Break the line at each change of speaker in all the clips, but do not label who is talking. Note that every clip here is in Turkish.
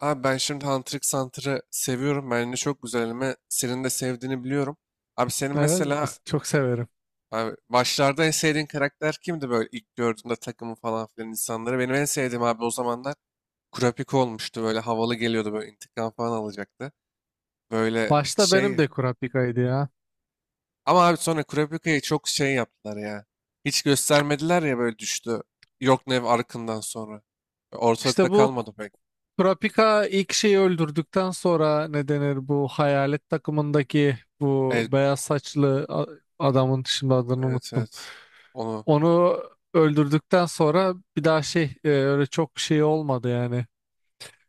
Abi ben şimdi Hunter x Hunter'ı seviyorum. Bence çok güzel anime. Senin de sevdiğini biliyorum. Abi senin
Evet,
mesela
çok severim.
abi başlarda en sevdiğin karakter kimdi böyle ilk gördüğünde takımı falan filan insanları? Benim en sevdiğim abi o zamanlar Kurapika olmuştu. Böyle havalı geliyordu, böyle intikam falan alacaktı. Böyle
Başta benim
şey
de Kurapika'ydı ya.
ama abi sonra Kurapika'yı çok şey yaptılar ya. Hiç göstermediler ya, böyle düştü. Yorknev arkından sonra. Ortalıkta
İşte bu K-
kalmadı pek.
Kurapika ilk şeyi öldürdükten sonra ne denir bu hayalet takımındaki bu
Evet,
beyaz saçlı adamın şimdi adını
evet,
unuttum.
evet. Onu.
Onu öldürdükten sonra bir daha şey öyle çok şey olmadı yani.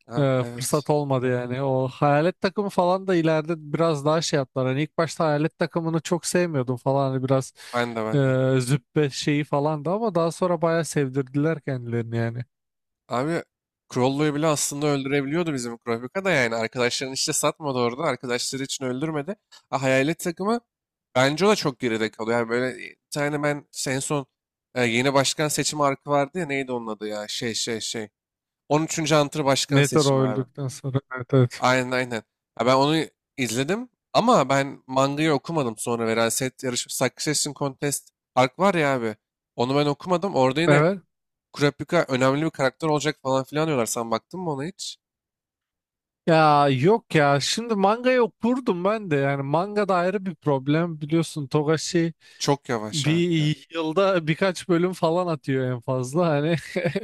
Ha, evet.
Fırsat olmadı yani. O hayalet takımı falan da ileride biraz daha şey yaptılar. Hani ilk başta hayalet takımını çok sevmiyordum falan. Hani biraz
Ben de, ben de.
züppe şeyi falan da ama daha sonra bayağı sevdirdiler kendilerini yani.
Abi Crollo'yu bile aslında öldürebiliyordu bizim Kurapika da yani. Arkadaşların işte satmadı orada. Arkadaşları için öldürmedi. Ha, hayalet takımı bence o da çok geride kalıyor. Yani böyle bir tane ben en son yeni başkan seçimi arka vardı ya, neydi onun adı ya, şey şey şey. On üçüncü Hunter başkan
Meteor
seçimi abi.
öldükten sonra. Evet, evet.
Aynen aynen. Ha, ben onu izledim ama ben mangayı okumadım, sonra Veraset yarışması Succession Contest ark var ya abi. Onu ben okumadım. Orada yine
Evet.
Kurapika önemli bir karakter olacak falan filan diyorlar. Sen baktın mı ona hiç?
Ya yok ya, şimdi mangayı okurdum ben de yani, manga da ayrı bir problem biliyorsun. Togashi
Çok yavaş abi ya.
bir yılda birkaç bölüm falan atıyor en fazla hani,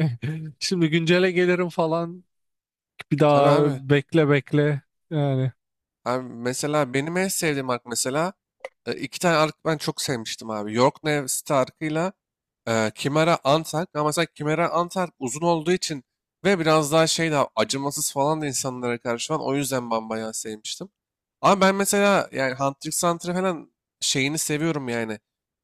şimdi güncele gelirim falan. Bir
Tabii
daha
abi.
bekle bekle yani.
Abi mesela benim en sevdiğim ark mesela iki tane ark ben çok sevmiştim abi. York Nevs'te arkıyla Chimera Antark. Ama mesela Chimera Antark uzun olduğu için ve biraz daha şey, daha acımasız falan da insanlara karşı falan. O yüzden ben bayağı sevmiştim. Ama ben mesela yani Hunter x Hunter falan şeyini seviyorum yani.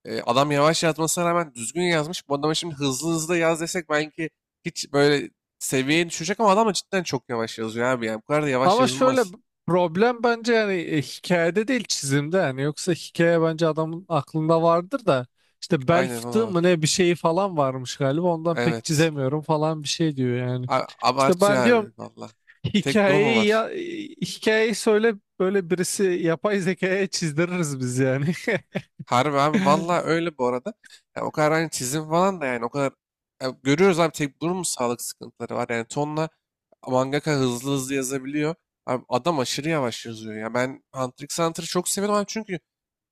E, adam yavaş yazmasına rağmen düzgün yazmış. Bu adama şimdi hızlı hızlı yaz desek belki hiç böyle seviyeye düşecek, ama adam da cidden çok yavaş yazıyor abi. Yani bu kadar da yavaş
Ama şöyle,
yazılmaz.
problem bence yani hikayede değil, çizimde yani. Yoksa hikaye bence adamın aklında vardır da, işte bel
Aynen, o da
fıtığı mı
var.
ne bir şeyi falan varmış galiba, ondan pek
Evet.
çizemiyorum falan bir şey diyor yani. İşte ben
Abartıyor abi
diyorum,
valla. Tek bunu mu
hikayeyi
var?
ya hikayeyi söyle, böyle birisi yapay zekaya çizdiririz biz yani.
Harbi abi valla, öyle bu arada. Ya o kadar hani çizim falan da yani o kadar. Ya görüyoruz abi, tek bunun mu sağlık sıkıntıları var? Yani tonla mangaka hızlı hızlı yazabiliyor. Abi adam aşırı yavaş yazıyor. Ya ben Hunter x Hunter'ı çok seviyorum abi, çünkü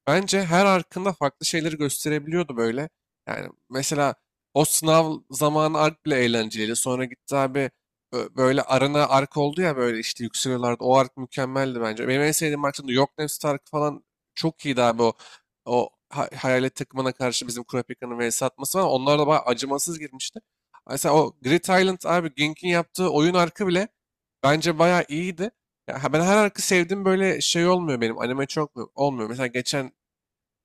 bence her arkında farklı şeyleri gösterebiliyordu böyle. Yani mesela o sınav zamanı ark bile eğlenceliydi. Sonra gitti abi, böyle arana ark oldu ya, böyle işte yükseliyorlardı. O ark mükemmeldi bence. Benim en sevdiğim arkta da Yok Nefs Tarık falan, çok iyiydi abi o. O hayalet takımına karşı bizim Kurapika'nın vs atması var. Onlar da bayağı acımasız girmişti. Mesela o Grid Island abi, Gink'in yaptığı oyun arkı bile bence bayağı iyiydi. Ya ben her arka sevdim, böyle şey olmuyor benim. Anime çok olmuyor. Mesela geçen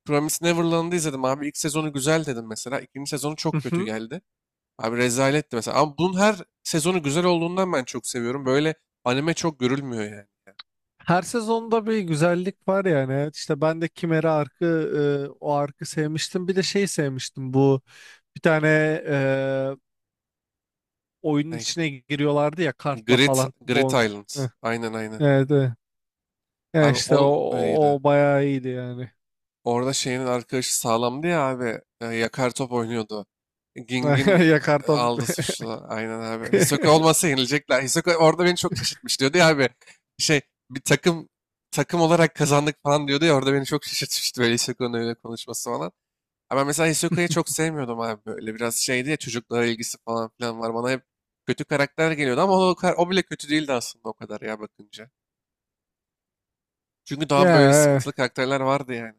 Promised Neverland'ı izledim abi. İlk sezonu güzel dedim mesela. İkinci sezonu çok kötü geldi. Abi rezaletti mesela. Ama bunun her sezonu güzel olduğundan ben çok seviyorum. Böyle anime çok görülmüyor yani.
Her sezonda bir güzellik var yani. Evet, İşte ben de Kimera arkı, o arkı sevmiştim. Bir de şey sevmiştim, bu bir tane e, oyunun
Ney?
içine giriyorlardı ya kartla
Grid,
falan.
Grid
Bon.
Island.
Heh,
Aynen aynen.
evet, evet. Ya
Abi
işte o,
o öyleydi.
o bayağı iyiydi yani.
Orada şeyinin arkadaşı sağlamdı ya abi. Yakar top oynuyordu. Ging'in
Ya karta
aldı suçlu. Aynen abi. Hisoka olmasa yenilecekler. Hisoka orada beni çok şaşırtmış diyordu ya abi. Şey bir takım, takım olarak kazandık falan diyordu ya, orada beni çok şaşırtmıştı böyle Hisoka'nın öyle konuşması falan. Ama ben mesela Hisoka'yı çok sevmiyordum abi, böyle biraz şeydi ya, çocuklara ilgisi falan filan var. Bana hep kötü karakter geliyordu ama o, o bile kötü değildi aslında o kadar ya, bakınca. Çünkü daha böyle
ya
sıkıntılı karakterler vardı yani.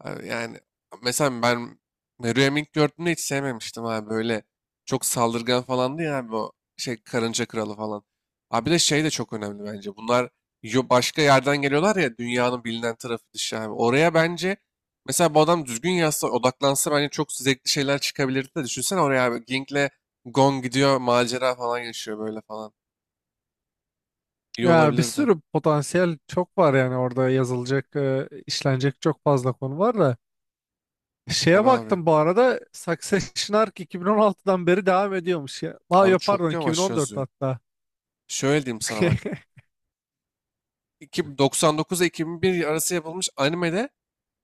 Abi yani mesela ben Meruem ilk gördüğümde hiç sevmemiştim abi. Böyle çok saldırgan falandı ya abi, o şey karınca kralı falan. Abi bir de şey de çok önemli bence. Bunlar başka yerden geliyorlar ya, dünyanın bilinen tarafı dışı abi. Oraya bence mesela bu adam düzgün yazsa, odaklansa, bence çok zevkli şeyler çıkabilirdi de, düşünsene oraya abi, Ging'le Gon gidiyor, macera falan yaşıyor böyle falan. İyi
ya bir
olabilirdi.
sürü potansiyel çok var yani, orada yazılacak, işlenecek çok fazla konu var da. Şeye
Tabii abi.
baktım bu arada, Succession Ark 2016'dan beri devam ediyormuş ya. Aa,
Abi
yok pardon,
çok yavaş
2014
yazıyor.
hatta.
Şöyle diyeyim sana bak. 99 ile 2001 arası yapılmış animede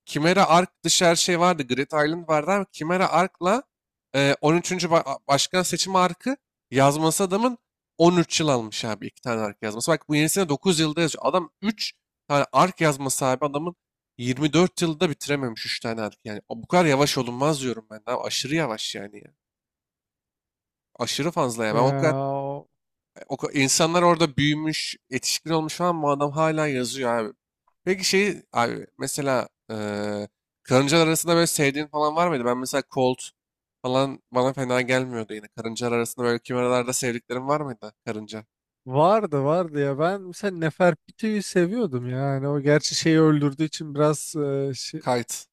Chimera Ark dışı her şey vardı. Grid Island vardı, ama Chimera Ark'la 13'üncü Başkan seçimi Ark'ı yazması adamın 13 yıl almış abi, iki tane Ark yazması. Bak bu yenisine 9 yılda yazıyor. Adam 3 tane Ark yazması abi, adamın 24 yılda bitirememiş 3 tane Ark. Yani o bu kadar yavaş olunmaz diyorum ben. Abi aşırı yavaş yani ya. Aşırı fazla ya. Ben o
Ya,
kadar o, insanlar orada büyümüş, yetişkin olmuş falan, bu adam hala yazıyor abi. Peki şey abi mesela karıncalar arasında böyle sevdiğin falan var mıydı? Ben mesela Colt falan bana fena gelmiyordu yine. Karıncalar arasında böyle kimeralarda sevdiklerim var mıydı? Karınca.
vardı vardı ya, ben mesela Nefertiti'yi seviyordum yani. O gerçi şeyi öldürdüğü için biraz
Kite.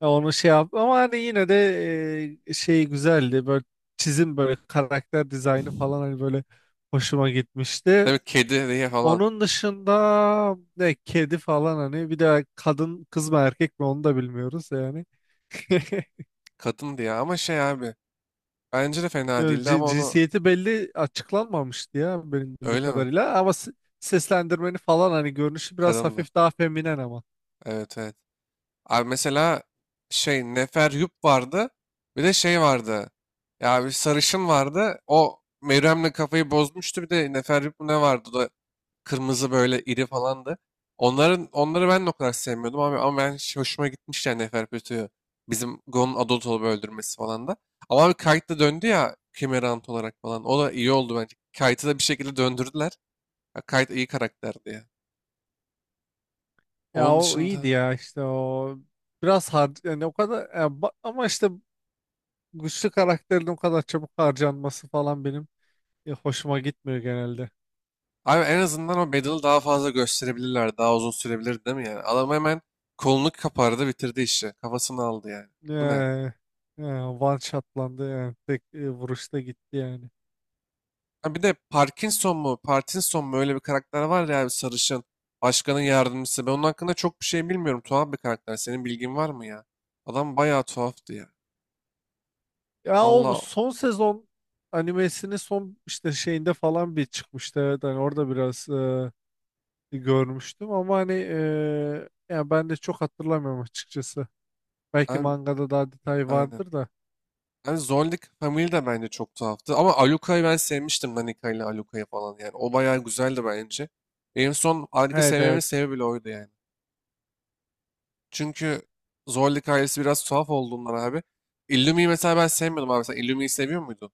ya onu şey yaptı ama hani yine de şey güzeldi, böyle çizim, böyle karakter dizaynı falan hani, böyle hoşuma gitmişti.
Tabii kedi diye falan.
Onun dışında ne, kedi falan hani, bir de kadın, kız mı erkek mi onu da bilmiyoruz yani.
Kadın diye ama şey abi. Bence de fena
Yo,
değildi ama onu,
cinsiyeti belli açıklanmamıştı ya benim bildiğim
öyle mi?
kadarıyla ama seslendirmeni falan hani, görünüşü biraz
Kadındı.
hafif daha feminen ama.
Evet evet. Abi mesela şey Neferyup vardı. Bir de şey vardı. Ya bir sarışın vardı. O Meryem'le kafayı bozmuştu. Bir de Neferyup mu ne vardı? O da kırmızı böyle iri falandı. Onların, onları ben de o kadar sevmiyordum abi, ama ben hiç hoşuma gitmişti yani Neferpütü'yü. Bizim Gon'un adult olup öldürmesi falan da. Ama bir Kite de döndü ya, Kimerant olarak falan. O da iyi oldu bence. Kite'ı da bir şekilde döndürdüler. Ya Kite iyi karakterdi ya.
Ya
Onun
o iyiydi
dışında
ya, işte o biraz har yani, o kadar ya ama işte güçlü karakterin o kadar çabuk harcanması falan benim hoşuma gitmiyor genelde.
abi en azından o Bedel'i daha fazla gösterebilirler. Daha uzun sürebilir değil mi yani? Adam hemen kolunu kapardı, bitirdi işi. Kafasını aldı yani. Bu ne?
Ee, e, One shotlandı yani, tek vuruşta gitti yani.
Ha bir de Parkinson mu? Parkinson mu? Öyle bir karakter var ya abi, sarışın. Başkanın yardımcısı. Ben onun hakkında çok bir şey bilmiyorum. Tuhaf bir karakter. Senin bilgin var mı ya? Adam bayağı tuhaftı ya.
Ya o
Valla
son sezon animesinin son işte şeyinde falan bir çıkmıştı. Evet, hani orada biraz görmüştüm ama hani yani ben de çok hatırlamıyorum açıkçası. Belki
abi,
mangada daha detay
aynen.
vardır da.
Yani Zoldyck Family de bence çok tuhaftı. Ama Aluka'yı ben sevmiştim. Danica ile Aluka'yı falan yani. O bayağı güzeldi bence. Benim son Alika
Evet,
sevmemin
evet.
sebebi bile oydu yani. Çünkü Zorlu hikayesi biraz tuhaf olduğundan abi. Illumi'yi mesela ben sevmiyordum abi. Sen Illumi'yi seviyor muydun?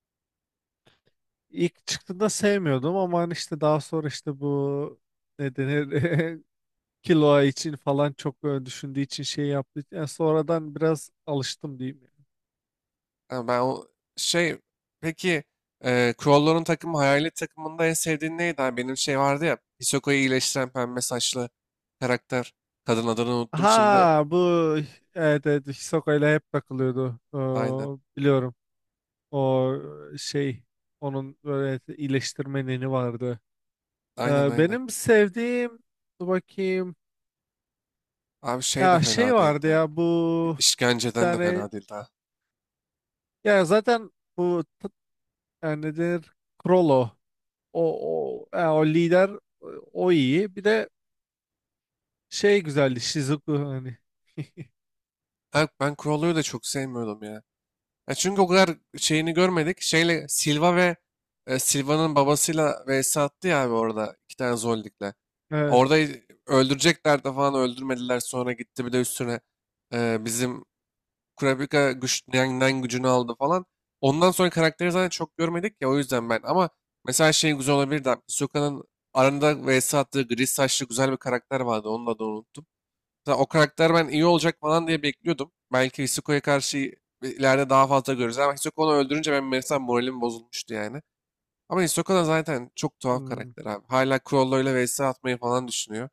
İlk çıktığında sevmiyordum ama hani işte daha sonra işte bu ne denir, kilo için falan çok düşündüğü için şey yaptı. Yani sonradan biraz alıştım diyeyim.
Ha, ben o şey, peki Crowlor'un takımı Hayalet takımında en sevdiğin neydi abi? Benim şey vardı ya, Hisoko'yu iyileştiren pembe saçlı karakter. Kadın, adını unuttum şimdi.
Ha bu, evet, evet, Hisoka ile hep takılıyordu.
Aynen.
Biliyorum. O şey, onun böyle iyileştirme neni vardı.
Aynen aynen.
Benim sevdiğim, dur bakayım,
Abi şey de
ya şey
fena
vardı
değildi.
ya, bu bir
İşkenceden de
tane,
fena değil ha.
ya zaten bu yani nedir, Krollo, o, o, ya o lider, o iyi. Bir de şey güzeldi, Shizuku hani.
Ha, ben Kurolu'yu da çok sevmiyordum ya. Ya çünkü o kadar şeyini görmedik. Şeyle Silva ve Silva'nın babasıyla vs attı ya abi, orada iki tane Zoldik'le.
Evet.
Orada öldürecekler de falan, öldürmediler. Sonra gitti, bir de üstüne bizim Kurapika güç, Nen gücünü aldı falan. Ondan sonra karakteri zaten çok görmedik ya, o yüzden ben. Ama mesela şey güzel olabilirdi abi, Hisoka'nın aranda vs attığı gri saçlı güzel bir karakter vardı. Onun adını unuttum. Mesela o karakter ben iyi olacak falan diye bekliyordum. Belki Hisoko'ya karşı ileride daha fazla görürüz. Ama Hisoka onu öldürünce ben mesela moralim bozulmuştu yani. Ama Hisoka da zaten çok tuhaf
Hmm.
karakter abi. Hala Crollo ile vs atmayı falan düşünüyor.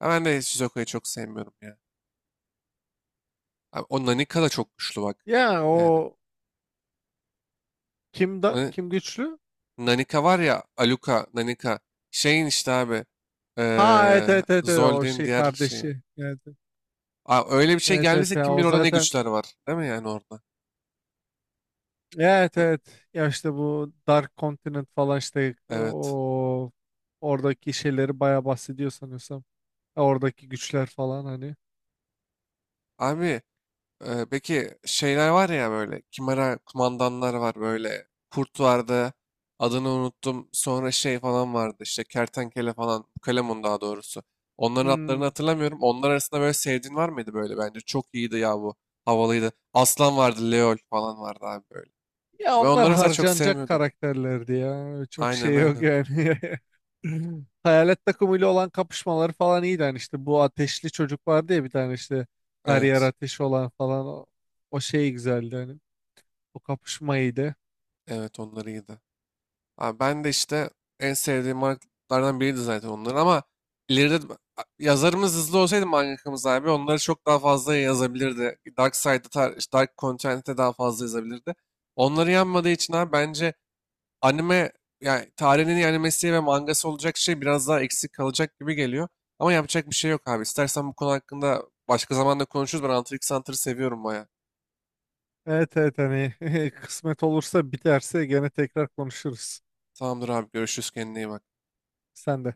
Ha, ben de Shizuka'yı çok sevmiyorum ya. Abi, o Nanika da çok güçlü bak.
Ya
Yani.
o
Na-
kim güçlü,
Nanika var ya, Aluka, Nanika. Şeyin işte abi.
ha evet, evet, evet, evet, o
Zold'in
şey
diğer şeyi.
kardeşi, evet,
Aa, öyle bir şey
evet, evet,
geldiyse
evet,
kim
o
bilir orada ne
zaten,
güçler var. Değil mi yani orada?
evet,
N-
evet. Ya işte bu Dark Continent falan, işte
Evet.
o oradaki şeyleri bayağı bahsediyor sanıyorsam. Ya oradaki güçler falan hani.
Abi peki şeyler var ya böyle. Kimera kumandanlar var böyle. Kurt vardı. Adını unuttum. Sonra şey falan vardı işte. Kertenkele falan. Kalemun daha doğrusu. Onların adlarını
Hmm.
hatırlamıyorum. Onlar arasında böyle sevdiğin var mıydı böyle? Bence çok iyiydi ya bu. Havalıydı. Aslan vardı. Leol falan vardı abi böyle.
Ya
Ben
onlar
onları mesela çok
harcanacak
sevmiyordum.
karakterlerdi ya. Çok
Aynen
şey yok
aynen.
yani. Hayalet takımıyla olan kapışmaları falan iyiydi. Hani işte bu ateşli çocuk vardı ya bir tane, işte her yer
Evet.
ateş olan falan, o, o şey güzeldi hani. O kapışma iyiydi.
Evet onlar iyiydi. Abi ben de işte en sevdiğim markalardan biriydi zaten onlar, ama ileride yazarımız hızlı olsaydı, mangakamız abi, onları çok daha fazla yazabilirdi. Dark Side'da, işte Dark Content'e daha fazla yazabilirdi. Onları yanmadığı için abi bence anime, yani tarihin en iyi animesi ve mangası olacak şey biraz daha eksik kalacak gibi geliyor. Ama yapacak bir şey yok abi. İstersen bu konu hakkında başka zamanda konuşuruz. Ben Hunter x Hunter'ı seviyorum baya.
Evet, evet hani, kısmet olursa biterse gene tekrar konuşuruz.
Tamamdır abi, görüşürüz, kendine iyi bak.
Sen de.